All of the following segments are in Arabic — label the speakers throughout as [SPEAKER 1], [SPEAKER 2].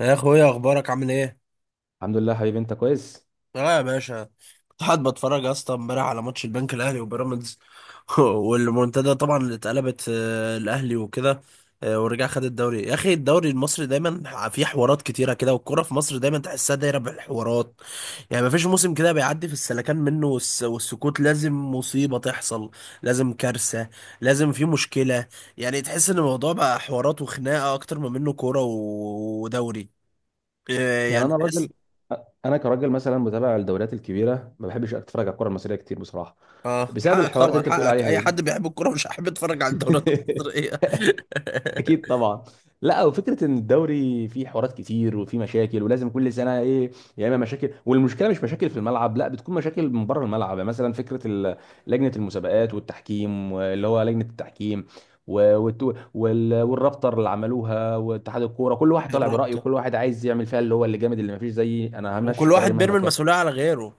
[SPEAKER 1] يا اخويا، اخبارك عامل ايه؟
[SPEAKER 2] الحمد لله حبيبي انت كويس.
[SPEAKER 1] اه يا باشا. كنت قاعد بتفرج يا اسطى امبارح على ماتش البنك الاهلي وبيراميدز. والمنتدى طبعا اللي اتقلبت الاهلي وكده. آه، ورجع خد الدوري يا اخي، الدوري المصري دايما فيه حوارات كتيره كده، والكوره في مصر دايما تحسها دايره بالحوارات. يعني مفيش موسم كده بيعدي في السلكان منه، والسكوت لازم مصيبه تحصل. لازم كارثه. لازم في مشكله. يعني تحس ان الموضوع بقى حوارات وخناقه اكتر ما منه كوره ودوري. آه،
[SPEAKER 2] يعني
[SPEAKER 1] يعني.
[SPEAKER 2] انا راجل انا كراجل مثلا متابع للدوريات الكبيره، ما بحبش اتفرج على الكره المصريه كتير بصراحه،
[SPEAKER 1] اه،
[SPEAKER 2] بسبب
[SPEAKER 1] حقك
[SPEAKER 2] الحوارات اللي
[SPEAKER 1] طبعا،
[SPEAKER 2] انت بتقول
[SPEAKER 1] حقك
[SPEAKER 2] عليها
[SPEAKER 1] اي
[SPEAKER 2] دي.
[SPEAKER 1] حد بيحب الكوره مش هيحب يتفرج على الدوريات المصريه.
[SPEAKER 2] اكيد طبعا. لا، وفكره ان الدوري فيه حوارات كتير وفيه مشاكل، ولازم كل سنه ايه؟ يا اما مشاكل، والمشكله مش مشاكل في الملعب، لا بتكون مشاكل من بره الملعب. يعني مثلا لجنه المسابقات والتحكيم اللي هو لجنه التحكيم، والرابطه اللي عملوها واتحاد الكوره، كل واحد طالع برايه
[SPEAKER 1] الرابطه،
[SPEAKER 2] وكل واحد عايز يعمل فيها اللي هو اللي جامد، اللي ما فيش زيي انا، همشي
[SPEAKER 1] وكل
[SPEAKER 2] قراري
[SPEAKER 1] واحد
[SPEAKER 2] مهما
[SPEAKER 1] بيرمي
[SPEAKER 2] كان.
[SPEAKER 1] المسؤوليه على غيره.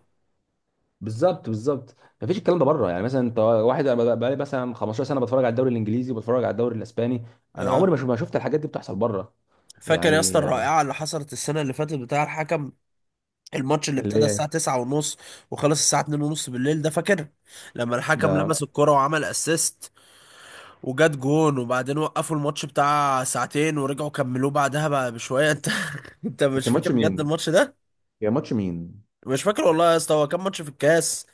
[SPEAKER 2] بالظبط بالظبط. مفيش الكلام ده بره، يعني مثلا انت واحد انا بقى لي مثلا 15 سنه بتفرج على الدوري الانجليزي وبتفرج على الدوري الاسباني. انا
[SPEAKER 1] اه،
[SPEAKER 2] عمري ما شفت الحاجات دي بتحصل بره.
[SPEAKER 1] فاكر يا اسطى
[SPEAKER 2] يعني آه،
[SPEAKER 1] الرائعه اللي حصلت السنه اللي فاتت بتاع الحكم؟ الماتش اللي ابتدى
[SPEAKER 2] اللي هي
[SPEAKER 1] الساعه 9 ونص وخلص الساعه 2 ونص بالليل، ده فاكر؟ لما الحكم لمس
[SPEAKER 2] ده.
[SPEAKER 1] الكوره وعمل اسيست وجات جون، وبعدين وقفوا الماتش بتاع ساعتين ورجعوا كملوه بعدها بقى بشويه. انت، انت
[SPEAKER 2] ده
[SPEAKER 1] مش
[SPEAKER 2] كان
[SPEAKER 1] فاكر
[SPEAKER 2] ماتش
[SPEAKER 1] بجد
[SPEAKER 2] مين؟
[SPEAKER 1] الماتش؟
[SPEAKER 2] يا ماتش مين؟
[SPEAKER 1] مش فاكر والله يا اسطى، هو كان ماتش في الكاس.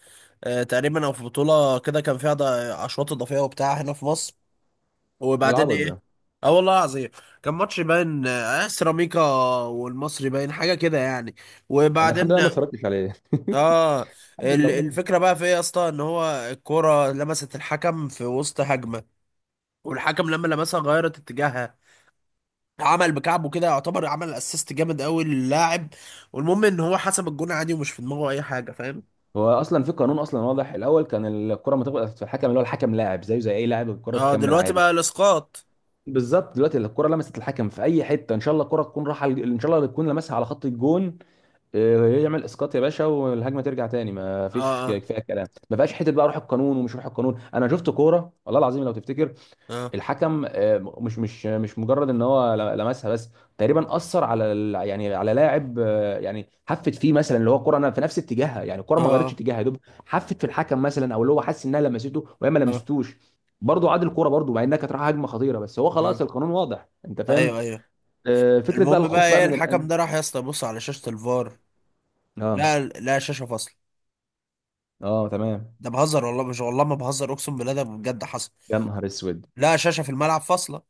[SPEAKER 1] تقريبا او في بطوله كده كان فيها اشواط اضافيه وبتاع هنا في مصر،
[SPEAKER 2] ايه
[SPEAKER 1] وبعدين
[SPEAKER 2] العبط
[SPEAKER 1] ايه.
[SPEAKER 2] ده؟
[SPEAKER 1] اه والله العظيم، كان ماتش باين سيراميكا والمصري، باين حاجه كده يعني.
[SPEAKER 2] انا الحمد
[SPEAKER 1] وبعدين
[SPEAKER 2] لله ما اتفرجتش عليه.
[SPEAKER 1] اه،
[SPEAKER 2] الحمد لله والله.
[SPEAKER 1] الفكره بقى في ايه يا اسطى؟ ان هو الكوره لمست الحكم في وسط هجمه، والحكم لما لمسها غيرت اتجاهها، عمل بكعبه كده، يعتبر عمل اسيست جامد قوي للاعب. والمهم ان هو حسب الجون عادي، ومش في دماغه اي حاجه، فاهم؟
[SPEAKER 2] هو اصلا في قانون اصلا واضح، الاول كان الكره ما تخبط في الحكم، اللي هو الحكم لاعب زيه زي اي لاعب، الكره
[SPEAKER 1] اه،
[SPEAKER 2] تكمل
[SPEAKER 1] دلوقتي
[SPEAKER 2] عادي.
[SPEAKER 1] بقى الاسقاط.
[SPEAKER 2] بالظبط، دلوقتي الكره لمست الحكم في اي حته، ان شاء الله الكره تكون راحه، ان شاء الله تكون لمسها على خط الجون، إيه، يعمل اسقاط يا باشا والهجمه ترجع تاني. ما
[SPEAKER 1] اه،
[SPEAKER 2] فيش
[SPEAKER 1] اه،
[SPEAKER 2] كفايه كلام، ما فيهاش حته بقى روح القانون ومش روح القانون. انا شفت كوره والله العظيم لو تفتكر،
[SPEAKER 1] اه،
[SPEAKER 2] الحكم مش مجرد ان هو لمسها بس، تقريبا اثر على يعني على لاعب، يعني حفت فيه مثلا، اللي هو الكوره انا في نفس اتجاهها، يعني الكوره
[SPEAKER 1] اه،
[SPEAKER 2] ما غيرتش
[SPEAKER 1] اه،
[SPEAKER 2] اتجاهها يا دوب، حفت في الحكم مثلا، او اللي هو حس انها لمسته وهي ما
[SPEAKER 1] اه.
[SPEAKER 2] لمستوش. برضه عاد الكوره برضه، مع انها كانت رايحه هجمه خطيره، بس هو
[SPEAKER 1] آه.
[SPEAKER 2] خلاص القانون واضح، انت فاهم؟
[SPEAKER 1] ايوه، ايوه.
[SPEAKER 2] فكره بقى
[SPEAKER 1] المهم بقى
[SPEAKER 2] الخوف بقى
[SPEAKER 1] ايه،
[SPEAKER 2] من
[SPEAKER 1] الحكم
[SPEAKER 2] الان.
[SPEAKER 1] ده راح يا اسطى يبص على شاشة الفار.
[SPEAKER 2] اه
[SPEAKER 1] لا لا، شاشة فاصلة.
[SPEAKER 2] اه تمام.
[SPEAKER 1] ده بهزر والله، مش والله ما بهزر، اقسم بالله ده بجد حصل.
[SPEAKER 2] يا نهار اسود.
[SPEAKER 1] لا، شاشة في الملعب فاصلة.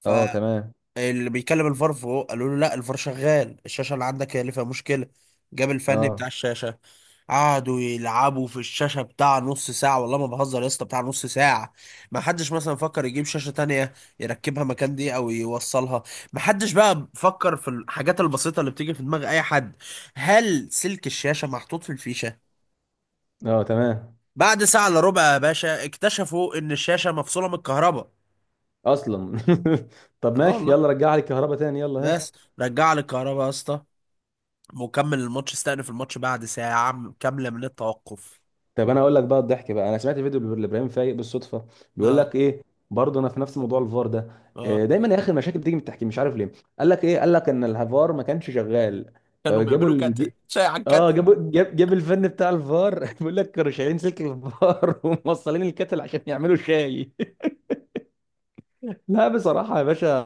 [SPEAKER 1] ف
[SPEAKER 2] اه تمام.
[SPEAKER 1] اللي بيكلم الفار فوق قالوا له لا، الفار شغال، الشاشه اللي عندك هي اللي فيها مشكله. جاب الفني
[SPEAKER 2] اه
[SPEAKER 1] بتاع الشاشه، قعدوا يلعبوا في الشاشه بتاع نص ساعه، والله ما بهزر يا اسطى، بتاع نص ساعه. ما حدش مثلا فكر يجيب شاشه تانية يركبها مكان دي او يوصلها. ما حدش بقى فكر في الحاجات البسيطه اللي بتيجي في دماغ اي حد، هل سلك الشاشه محطوط في الفيشه؟
[SPEAKER 2] اه تمام.
[SPEAKER 1] بعد ساعه الا ربع يا باشا، اكتشفوا ان الشاشه مفصوله من الكهرباء.
[SPEAKER 2] اصلا. طب
[SPEAKER 1] اه
[SPEAKER 2] ماشي،
[SPEAKER 1] والله.
[SPEAKER 2] يلا رجع لي الكهرباء تاني يلا ها.
[SPEAKER 1] بس، رجع لي الكهرباء يا اسطى، مكمل الماتش، استأنف الماتش بعد ساعة كاملة من التوقف.
[SPEAKER 2] طب انا اقول لك بقى الضحك بقى، انا سمعت فيديو لابراهيم فايق بالصدفه بيقول
[SPEAKER 1] اه،
[SPEAKER 2] لك ايه. برضه انا في نفس موضوع الفار ده،
[SPEAKER 1] اه.
[SPEAKER 2] دايما يا اخي المشاكل بتيجي من التحكيم، مش عارف ليه. قال لك ايه، قال لك ان الفار ما كانش شغال،
[SPEAKER 1] كانوا
[SPEAKER 2] فجابوا
[SPEAKER 1] بيعملوا
[SPEAKER 2] اللي
[SPEAKER 1] كاتل
[SPEAKER 2] بيجي.
[SPEAKER 1] شاي عن
[SPEAKER 2] اه
[SPEAKER 1] كاتل.
[SPEAKER 2] جابوا جاب الفن بتاع الفار، بيقول لك كانوا شايلين سلك الفار وموصلين الكتل عشان يعملوا شاي. لا بصراحة يا باشا،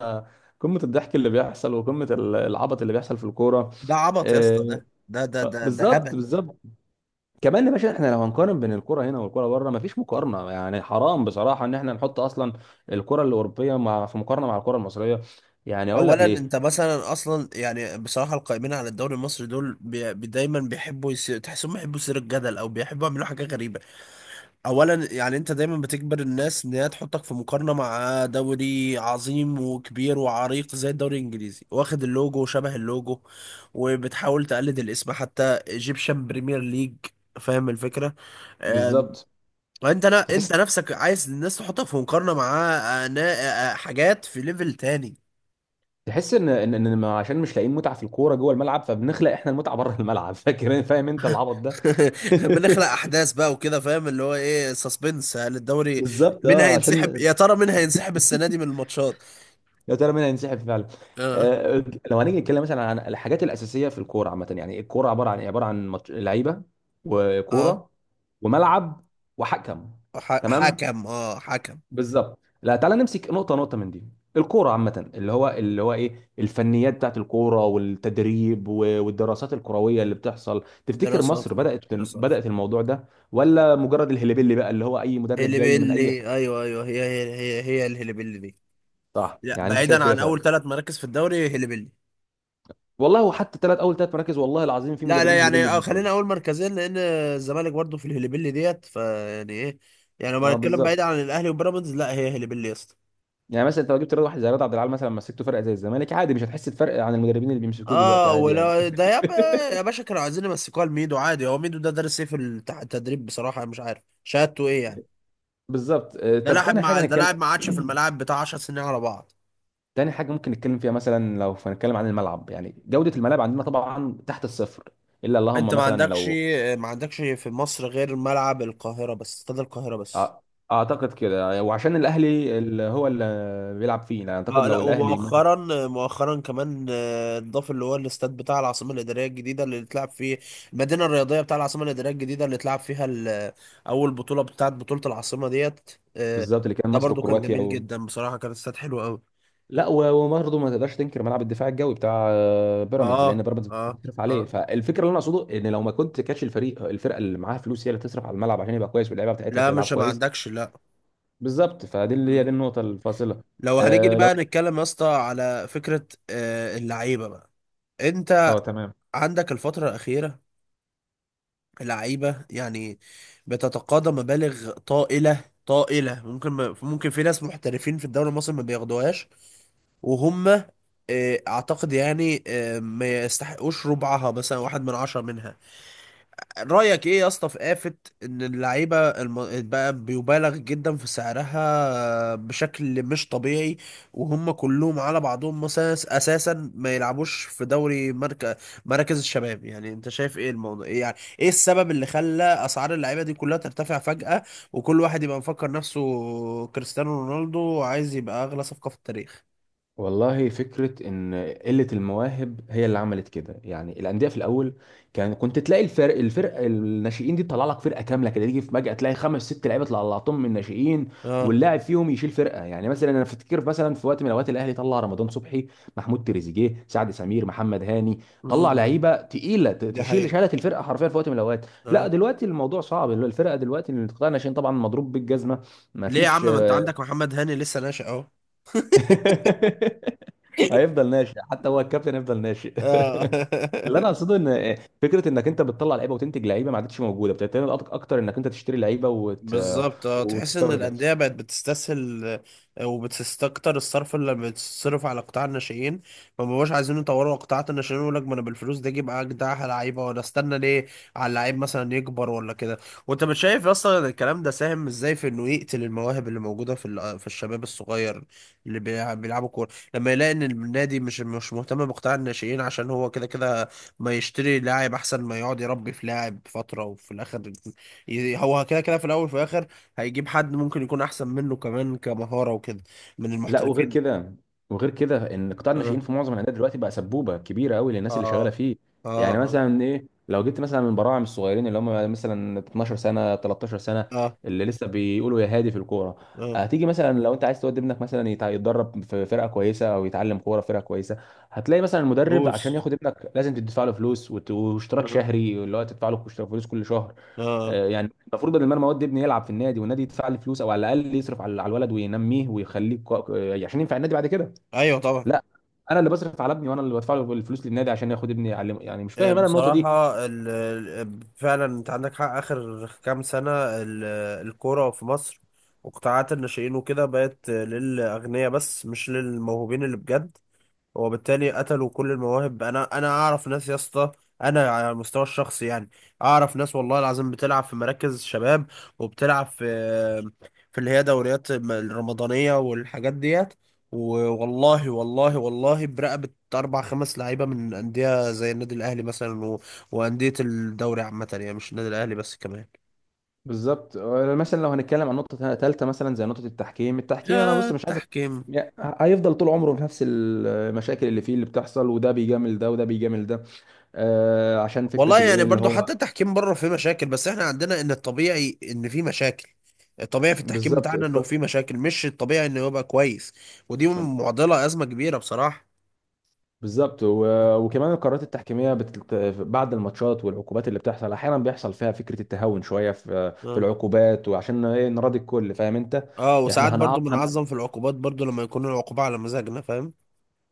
[SPEAKER 2] قمة الضحك اللي بيحصل وقمة العبط اللي بيحصل في الكورة.
[SPEAKER 1] ده عبط يا اسطى،
[SPEAKER 2] آه،
[SPEAKER 1] ده ده ده ده ده
[SPEAKER 2] بالظبط
[SPEAKER 1] هبل.
[SPEAKER 2] بالظبط. كمان يا باشا، احنا لو هنقارن بين الكرة هنا والكرة بره، مفيش مقارنة. يعني حرام بصراحة ان احنا نحط اصلا الكرة الأوروبية مع، في مقارنة مع الكرة المصرية. يعني اقول لك
[SPEAKER 1] اولا
[SPEAKER 2] ليه.
[SPEAKER 1] انت مثلا اصلا يعني بصراحه، القائمين على الدوري المصري دول دايما بيحبوا تحسهم بيحبوا يثيروا الجدل، او بيحبوا يعملوا حاجه غريبه. اولا يعني انت دايما بتجبر الناس ان هي تحطك في مقارنه مع دوري عظيم وكبير وعريق زي الدوري الانجليزي، واخد اللوجو وشبه اللوجو، وبتحاول تقلد الاسم حتى ايجيبشن بريمير ليج، فاهم الفكره؟ أم،
[SPEAKER 2] بالظبط.
[SPEAKER 1] وانت لا، انت
[SPEAKER 2] تحس
[SPEAKER 1] نفسك عايز الناس تحطك في مقارنه مع حاجات في ليفل تاني.
[SPEAKER 2] تحس ان ان إن ما- عشان مش لاقيين متعة في الكورة جوه الملعب، فبنخلق احنا المتعة بره الملعب. فاكر فاهم انت العبط ده.
[SPEAKER 1] بنخلق احداث بقى وكده، فاهم، اللي هو ايه سسبنس، هل الدوري
[SPEAKER 2] بالظبط
[SPEAKER 1] مين
[SPEAKER 2] اه
[SPEAKER 1] هينسحب؟
[SPEAKER 2] عشان.
[SPEAKER 1] يا ترى مين هينسحب السنه دي من الماتشات؟
[SPEAKER 2] يا ترى مين هينسحب فعلا.
[SPEAKER 1] اه،
[SPEAKER 2] آه، لو هنيجي نتكلم مثلا عن الحاجات الاساسيه في الكوره عامه، يعني الكوره عباره عن إيه؟ عباره عن لعيبه
[SPEAKER 1] اه،
[SPEAKER 2] وكوره وملعب وحكم. تمام.
[SPEAKER 1] حكم، حكم.
[SPEAKER 2] بالظبط، لا تعالى نمسك نقطه نقطه من دي. الكوره عامه، اللي هو ايه الفنيات بتاعت الكوره والتدريب والدراسات الكرويه اللي بتحصل. تفتكر
[SPEAKER 1] دراسات
[SPEAKER 2] مصر
[SPEAKER 1] اه
[SPEAKER 2] بدات
[SPEAKER 1] دراسات
[SPEAKER 2] بدات الموضوع ده، ولا مجرد الهليبيلي بقى، اللي هو اي مدرب جاي من اي
[SPEAKER 1] هيلبيلي،
[SPEAKER 2] حته؟
[SPEAKER 1] ايوه ايوه، هي الهيلبيلي دي.
[SPEAKER 2] صح،
[SPEAKER 1] لا،
[SPEAKER 2] يعني انت شايف
[SPEAKER 1] بعيدا
[SPEAKER 2] كده
[SPEAKER 1] عن
[SPEAKER 2] فعلا.
[SPEAKER 1] اول ثلاث مراكز في الدوري هيلبيلي.
[SPEAKER 2] والله، وحتى اول ثلاث مراكز والله العظيم في
[SPEAKER 1] لا لا
[SPEAKER 2] مدربين
[SPEAKER 1] يعني،
[SPEAKER 2] هلبيل بيجي
[SPEAKER 1] خلينا
[SPEAKER 2] والله.
[SPEAKER 1] اول مركزين، لان الزمالك برضه في الهيلبيلي ديت، فيعني ايه، يعني لما
[SPEAKER 2] اه
[SPEAKER 1] نتكلم بعيد
[SPEAKER 2] بالظبط.
[SPEAKER 1] عن الاهلي وبيراميدز، لا هي هيلبيلي يا اسطى.
[SPEAKER 2] يعني مثلا انت لو جبت رياض، واحد زي رياض عبد العال مثلا، مسكته فرقه زي الزمالك عادي، مش هتحس بفرق عن المدربين اللي بيمسكوه دلوقتي،
[SPEAKER 1] اه
[SPEAKER 2] عادي يعني.
[SPEAKER 1] ولا ده يا باشا، كانوا عايزين يمسكوها لميدو عادي، هو ميدو ده دارس ايه في التدريب؟ بصراحه أنا مش عارف شهادته ايه يعني.
[SPEAKER 2] بالظبط
[SPEAKER 1] ده
[SPEAKER 2] طب
[SPEAKER 1] لاعب
[SPEAKER 2] تاني
[SPEAKER 1] مع
[SPEAKER 2] حاجه
[SPEAKER 1] ده
[SPEAKER 2] نتكلم.
[SPEAKER 1] لاعب مع عادشه في الملاعب بتاع 10 سنين على بعض.
[SPEAKER 2] تاني حاجه ممكن نتكلم فيها مثلا، لو هنتكلم عن الملعب يعني جوده الملاعب عندنا طبعا تحت الصفر، الا
[SPEAKER 1] انت
[SPEAKER 2] اللهم
[SPEAKER 1] ما
[SPEAKER 2] مثلا
[SPEAKER 1] عندكش،
[SPEAKER 2] لو
[SPEAKER 1] ما عندكش في مصر غير ملعب القاهرة بس، استاد القاهرة بس.
[SPEAKER 2] آه، اعتقد كده، وعشان الاهلي اللي هو اللي بيلعب فيه، يعني اعتقد
[SPEAKER 1] اه، لا،
[SPEAKER 2] لو الاهلي مثلا.
[SPEAKER 1] ومؤخرا مؤخرا كمان اتضاف اللي هو الاستاد بتاع العاصمة الإدارية الجديدة اللي اتلعب فيه، المدينة الرياضية بتاع العاصمة الإدارية الجديدة اللي اتلعب فيها أول بطولة بتاعت بطولة العاصمة ديت. آه،
[SPEAKER 2] بالظبط، اللي كان
[SPEAKER 1] ده
[SPEAKER 2] مصر
[SPEAKER 1] برضو كان
[SPEAKER 2] وكرواتيا.
[SPEAKER 1] جميل جدا بصراحة، كان استاد حلو قوي.
[SPEAKER 2] لا، وبرضه ما تقدرش تنكر ملعب الدفاع الجوي بتاع بيراميدز، لان
[SPEAKER 1] اه،
[SPEAKER 2] بيراميدز
[SPEAKER 1] اه،
[SPEAKER 2] بتصرف عليه.
[SPEAKER 1] اه،
[SPEAKER 2] فالفكره اللي انا اقصده ان لو ما كنت كاتش الفريق، الفرقه اللي معاها فلوس هي اللي تصرف على الملعب عشان يبقى كويس واللعيبه بتاعتها
[SPEAKER 1] لا
[SPEAKER 2] تلعب
[SPEAKER 1] مش ما
[SPEAKER 2] كويس.
[SPEAKER 1] عندكش لا.
[SPEAKER 2] بالظبط فدي، اللي هي دي
[SPEAKER 1] مم.
[SPEAKER 2] النقطه الفاصله.
[SPEAKER 1] لو هنيجي
[SPEAKER 2] آه لو.
[SPEAKER 1] بقى نتكلم يا اسطى على فكرة اللعيبة بقى، انت
[SPEAKER 2] اه تمام.
[SPEAKER 1] عندك الفترة الأخيرة لعيبة يعني بتتقاضى مبالغ طائلة طائلة، ممكن ما ممكن في ناس محترفين في الدوري المصري ما بياخدوهاش، وهم اعتقد يعني ما يستحقوش ربعها، مثلا واحد من عشرة منها. رأيك ايه يا اسطى في آفة ان اللعيبة بقى بيبالغ جدا في سعرها بشكل مش طبيعي، وهم كلهم على بعضهم مثلا اساسا ما يلعبوش في دوري مراكز الشباب، يعني انت شايف ايه الموضوع، إيه يعني ايه السبب اللي خلى اسعار اللعيبة دي كلها ترتفع فجأة، وكل واحد يبقى مفكر نفسه كريستيانو رونالدو وعايز يبقى اغلى صفقة في التاريخ؟
[SPEAKER 2] والله فكرة إن قلة المواهب هي اللي عملت كده، يعني الأندية في الأول كان كنت تلاقي الفرق الناشئين دي تطلع لك فرقة كاملة كده، تيجي في فجأة تلاقي خمس ست لعيبة طلعتهم من الناشئين،
[SPEAKER 1] اه،
[SPEAKER 2] واللاعب فيهم يشيل فرقة. يعني مثلا أنا أفتكر مثلا في وقت من الأوقات الأهلي طلع رمضان صبحي، محمود تريزيجيه، سعد سمير، محمد هاني. طلع
[SPEAKER 1] امم،
[SPEAKER 2] لعيبة تقيلة، ت-
[SPEAKER 1] دي
[SPEAKER 2] تشيل
[SPEAKER 1] حقيقة.
[SPEAKER 2] شالت الفرقة حرفيا في وقت من الأوقات. لا
[SPEAKER 1] اه،
[SPEAKER 2] دلوقتي الموضوع صعب، الفرقة دلوقتي اللي طالع ناشئين طبعا مضروب بالجزمة.
[SPEAKER 1] ليه يا عم،
[SPEAKER 2] مفيش.
[SPEAKER 1] ما انت عندك محمد هاني لسه ناشئ اهو.
[SPEAKER 2] هيفضل ناشئ، حتى هو الكابتن هيفضل ناشئ.
[SPEAKER 1] اه.
[SPEAKER 2] اللي انا اقصده ان فكره انك انت بتطلع لعيبه وتنتج لعيبه ما عادتش موجوده، بتعتمد اكتر انك انت تشتري لعيبه
[SPEAKER 1] بالظبط. اه، تحس ان
[SPEAKER 2] وتستورد.
[SPEAKER 1] الانديه بقت بتستسهل وبتستكتر الصرف اللي بتصرف على قطاع الناشئين. ما بقوش عايزين يطوروا قطاعات الناشئين، يقول لك ما انا بالفلوس دي اجيب اجدع لعيبه، ولا استنى ليه على اللعيب مثلا يكبر ولا كده. وانت مش شايف اصلا الكلام ده ساهم ازاي في انه يقتل المواهب اللي موجوده في الشباب الصغير اللي بيلعبوا كوره، لما يلاقي ان النادي مش مهتم بقطاع الناشئين عشان هو كده كده، ما يشتري لاعب احسن ما يقعد يربي في لاعب فتره، وفي الاخر هو كده كده، في الاول وفي الاخر هيجيب حد ممكن يكون احسن منه كمان كمهارة وكده، من
[SPEAKER 2] لا وغير
[SPEAKER 1] المحترفين.
[SPEAKER 2] كده، ان قطاع الناشئين
[SPEAKER 1] اه،
[SPEAKER 2] في معظم الانديه دلوقتي بقى سبوبه كبيره قوي للناس اللي شغاله
[SPEAKER 1] اه،
[SPEAKER 2] فيه.
[SPEAKER 1] اه،
[SPEAKER 2] يعني
[SPEAKER 1] اه،
[SPEAKER 2] مثلا ايه، لو جبت مثلا من براعم الصغيرين اللي هم مثلا 12 سنه، 13 سنه،
[SPEAKER 1] اه،
[SPEAKER 2] اللي لسه بيقولوا يا هادي في الكوره،
[SPEAKER 1] آه،
[SPEAKER 2] هتيجي مثلا لو انت عايز تودي ابنك مثلا يتدرب في فرقه كويسه او يتعلم كوره في فرقه كويسه، هتلاقي مثلا المدرب عشان
[SPEAKER 1] فلوس،
[SPEAKER 2] ياخد ابنك لازم تدفع له فلوس واشتراك
[SPEAKER 1] اه،
[SPEAKER 2] شهري، اللي هو تدفع له اشتراك فلوس كل شهر.
[SPEAKER 1] اه،
[SPEAKER 2] يعني المفروض بدل ما المواد دي ابني يلعب في النادي والنادي يدفع لي فلوس، او على الاقل يصرف على الولد وينميه ويخليه عشان ينفع النادي بعد كده.
[SPEAKER 1] ايوه طبعا.
[SPEAKER 2] لا. انا اللي بصرف على ابني وانا اللي بدفع له الفلوس للنادي عشان ياخد ابني يعلمه. يعني مش
[SPEAKER 1] آه،
[SPEAKER 2] فاهم انا النقطه دي.
[SPEAKER 1] بصراحة فعلا انت عندك حق، اخر كام سنة ال... الكورة في مصر وقطاعات الناشئين وكده بقت للاغنياء بس، مش للموهوبين اللي بجد، وبالتالي قتلوا كل المواهب. انا اعرف ناس يا اسطى، انا على المستوى الشخصي يعني اعرف ناس والله العظيم بتلعب في مراكز شباب، وبتلعب في اللي هي دوريات الرمضانية والحاجات ديت، والله والله والله برقبة أربع خمس لعيبة من أندية زي النادي الأهلي مثلا وأندية الدوري عامة يعني، مش النادي الأهلي بس كمان.
[SPEAKER 2] بالظبط مثلا لو هنتكلم عن نقطه ثالثه مثلا زي نقطه التحكيم. التحكيم انا
[SPEAKER 1] يا
[SPEAKER 2] بص مش عايز
[SPEAKER 1] التحكيم،
[SPEAKER 2] يعني هيفضل طول عمره في نفس المشاكل اللي فيه اللي بتحصل، وده بيجامل ده وده بيجامل ده. آه عشان
[SPEAKER 1] والله
[SPEAKER 2] فكره
[SPEAKER 1] يعني
[SPEAKER 2] الايه اللي
[SPEAKER 1] برضو
[SPEAKER 2] هو.
[SPEAKER 1] حتى التحكيم بره فيه مشاكل، بس احنا عندنا ان الطبيعي ان فيه مشاكل، الطبيعي في التحكيم
[SPEAKER 2] بالظبط
[SPEAKER 1] بتاعنا انه فيه مشاكل، مش الطبيعي انه يبقى كويس. ودي معضلة، ازمة كبيرة بصراحة.
[SPEAKER 2] بالظبط وكمان القرارات التحكيميه بعد الماتشات والعقوبات اللي بتحصل احيانا، بيحصل فيها فكره التهاون شويه في
[SPEAKER 1] اه،
[SPEAKER 2] العقوبات، وعشان ايه؟ نراضي الكل، فاهم انت.
[SPEAKER 1] اه، وساعات
[SPEAKER 2] احنا
[SPEAKER 1] برضو
[SPEAKER 2] هنعاق هن...
[SPEAKER 1] بنعظم في العقوبات برضو لما يكون العقوبة على مزاجنا، فاهم؟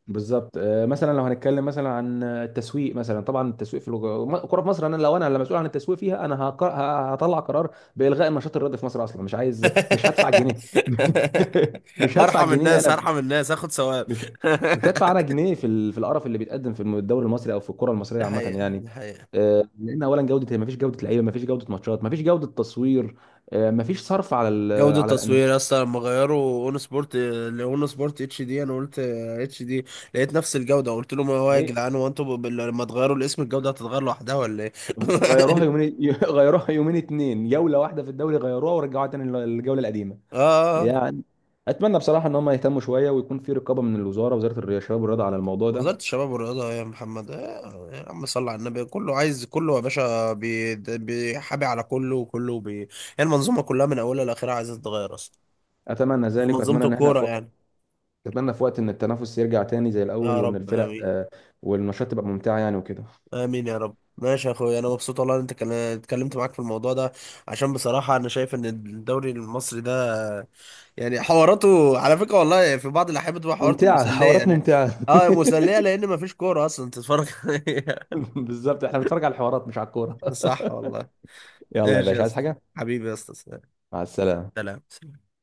[SPEAKER 2] بالظبط مثلا لو هنتكلم مثلا عن التسويق، مثلا طبعا التسويق في الكوره في مصر، انا لو انا اللي مسؤول عن التسويق فيها انا هطلع قرار بالغاء النشاط الرياضي في مصر اصلا، مش عايز، مش هدفع جنيه. مش هدفع
[SPEAKER 1] هرحم
[SPEAKER 2] جنيه
[SPEAKER 1] الناس،
[SPEAKER 2] انا،
[SPEAKER 1] هرحم الناس، هاخد ثواب.
[SPEAKER 2] مش مش هيدفع انا جنيه في في القرف اللي بيتقدم في الدوري المصري، او في الكره المصريه
[SPEAKER 1] ده
[SPEAKER 2] عامه
[SPEAKER 1] حقيقة،
[SPEAKER 2] يعني.
[SPEAKER 1] ده حقيقة.
[SPEAKER 2] لان اولا جوده، ما فيش جوده لعيبه، ما فيش جوده ماتشات، ما فيش جوده تصوير، ما فيش صرف على
[SPEAKER 1] جودة
[SPEAKER 2] على
[SPEAKER 1] تصوير يا
[SPEAKER 2] الانديه.
[SPEAKER 1] اسطى لما غيروا اون سبورت لاون سبورت اتش دي، انا قلت اتش دي، لقيت نفس الجودة، قلت لهم هو يا
[SPEAKER 2] يعني
[SPEAKER 1] جدعان، هو انتوا لما تغيروا الاسم الجودة هتتغير لوحدها ولا ايه؟
[SPEAKER 2] هم غيروها يومين، غيروها يومين اتنين، جوله واحده في الدوري، غيروها ورجعوها تاني للجوله القديمه.
[SPEAKER 1] اه، آه.
[SPEAKER 2] يعني اتمنى بصراحه ان هم يهتموا شويه ويكون في رقابه من الوزاره، وزاره الرياضه، الشباب والرياضه على الموضوع ده.
[SPEAKER 1] وزارة الشباب والرياضة يا محمد، آه يا عم صل على النبي، كله عايز كله يا باشا، بيحابي على كله، وكله يعني المنظومة كلها من أولها لآخرها عايزة تتغير أصلا،
[SPEAKER 2] اتمنى ذلك،
[SPEAKER 1] منظومة
[SPEAKER 2] واتمنى ان احنا
[SPEAKER 1] الكورة يعني.
[SPEAKER 2] اتمنى في وقت ان التنافس يرجع تاني زي الاول،
[SPEAKER 1] يا
[SPEAKER 2] وان
[SPEAKER 1] رب
[SPEAKER 2] الفرق
[SPEAKER 1] آمين.
[SPEAKER 2] والنشاط تبقى ممتعه يعني وكده.
[SPEAKER 1] امين يا رب. ماشي يا اخويا، انا مبسوط والله ان انت اتكلمت معاك في الموضوع ده، عشان بصراحه انا شايف ان الدوري المصري ده يعني حواراته على فكره والله في بعض الاحيان بتبقى حواراته
[SPEAKER 2] ممتعة،
[SPEAKER 1] مسليه،
[SPEAKER 2] حوارات
[SPEAKER 1] لا،
[SPEAKER 2] ممتعة.
[SPEAKER 1] اه مسليه لان مفيش كوره اصلا تتفرج عليها.
[SPEAKER 2] بالظبط، احنا بنتفرج على الحوارات مش على الكورة.
[SPEAKER 1] صح والله.
[SPEAKER 2] يلا يا
[SPEAKER 1] ماشي
[SPEAKER 2] باشا
[SPEAKER 1] يا
[SPEAKER 2] عايز
[SPEAKER 1] اسطى،
[SPEAKER 2] حاجة؟
[SPEAKER 1] حبيبي يا اسطى،
[SPEAKER 2] مع السلامة.
[SPEAKER 1] سلام. سلام.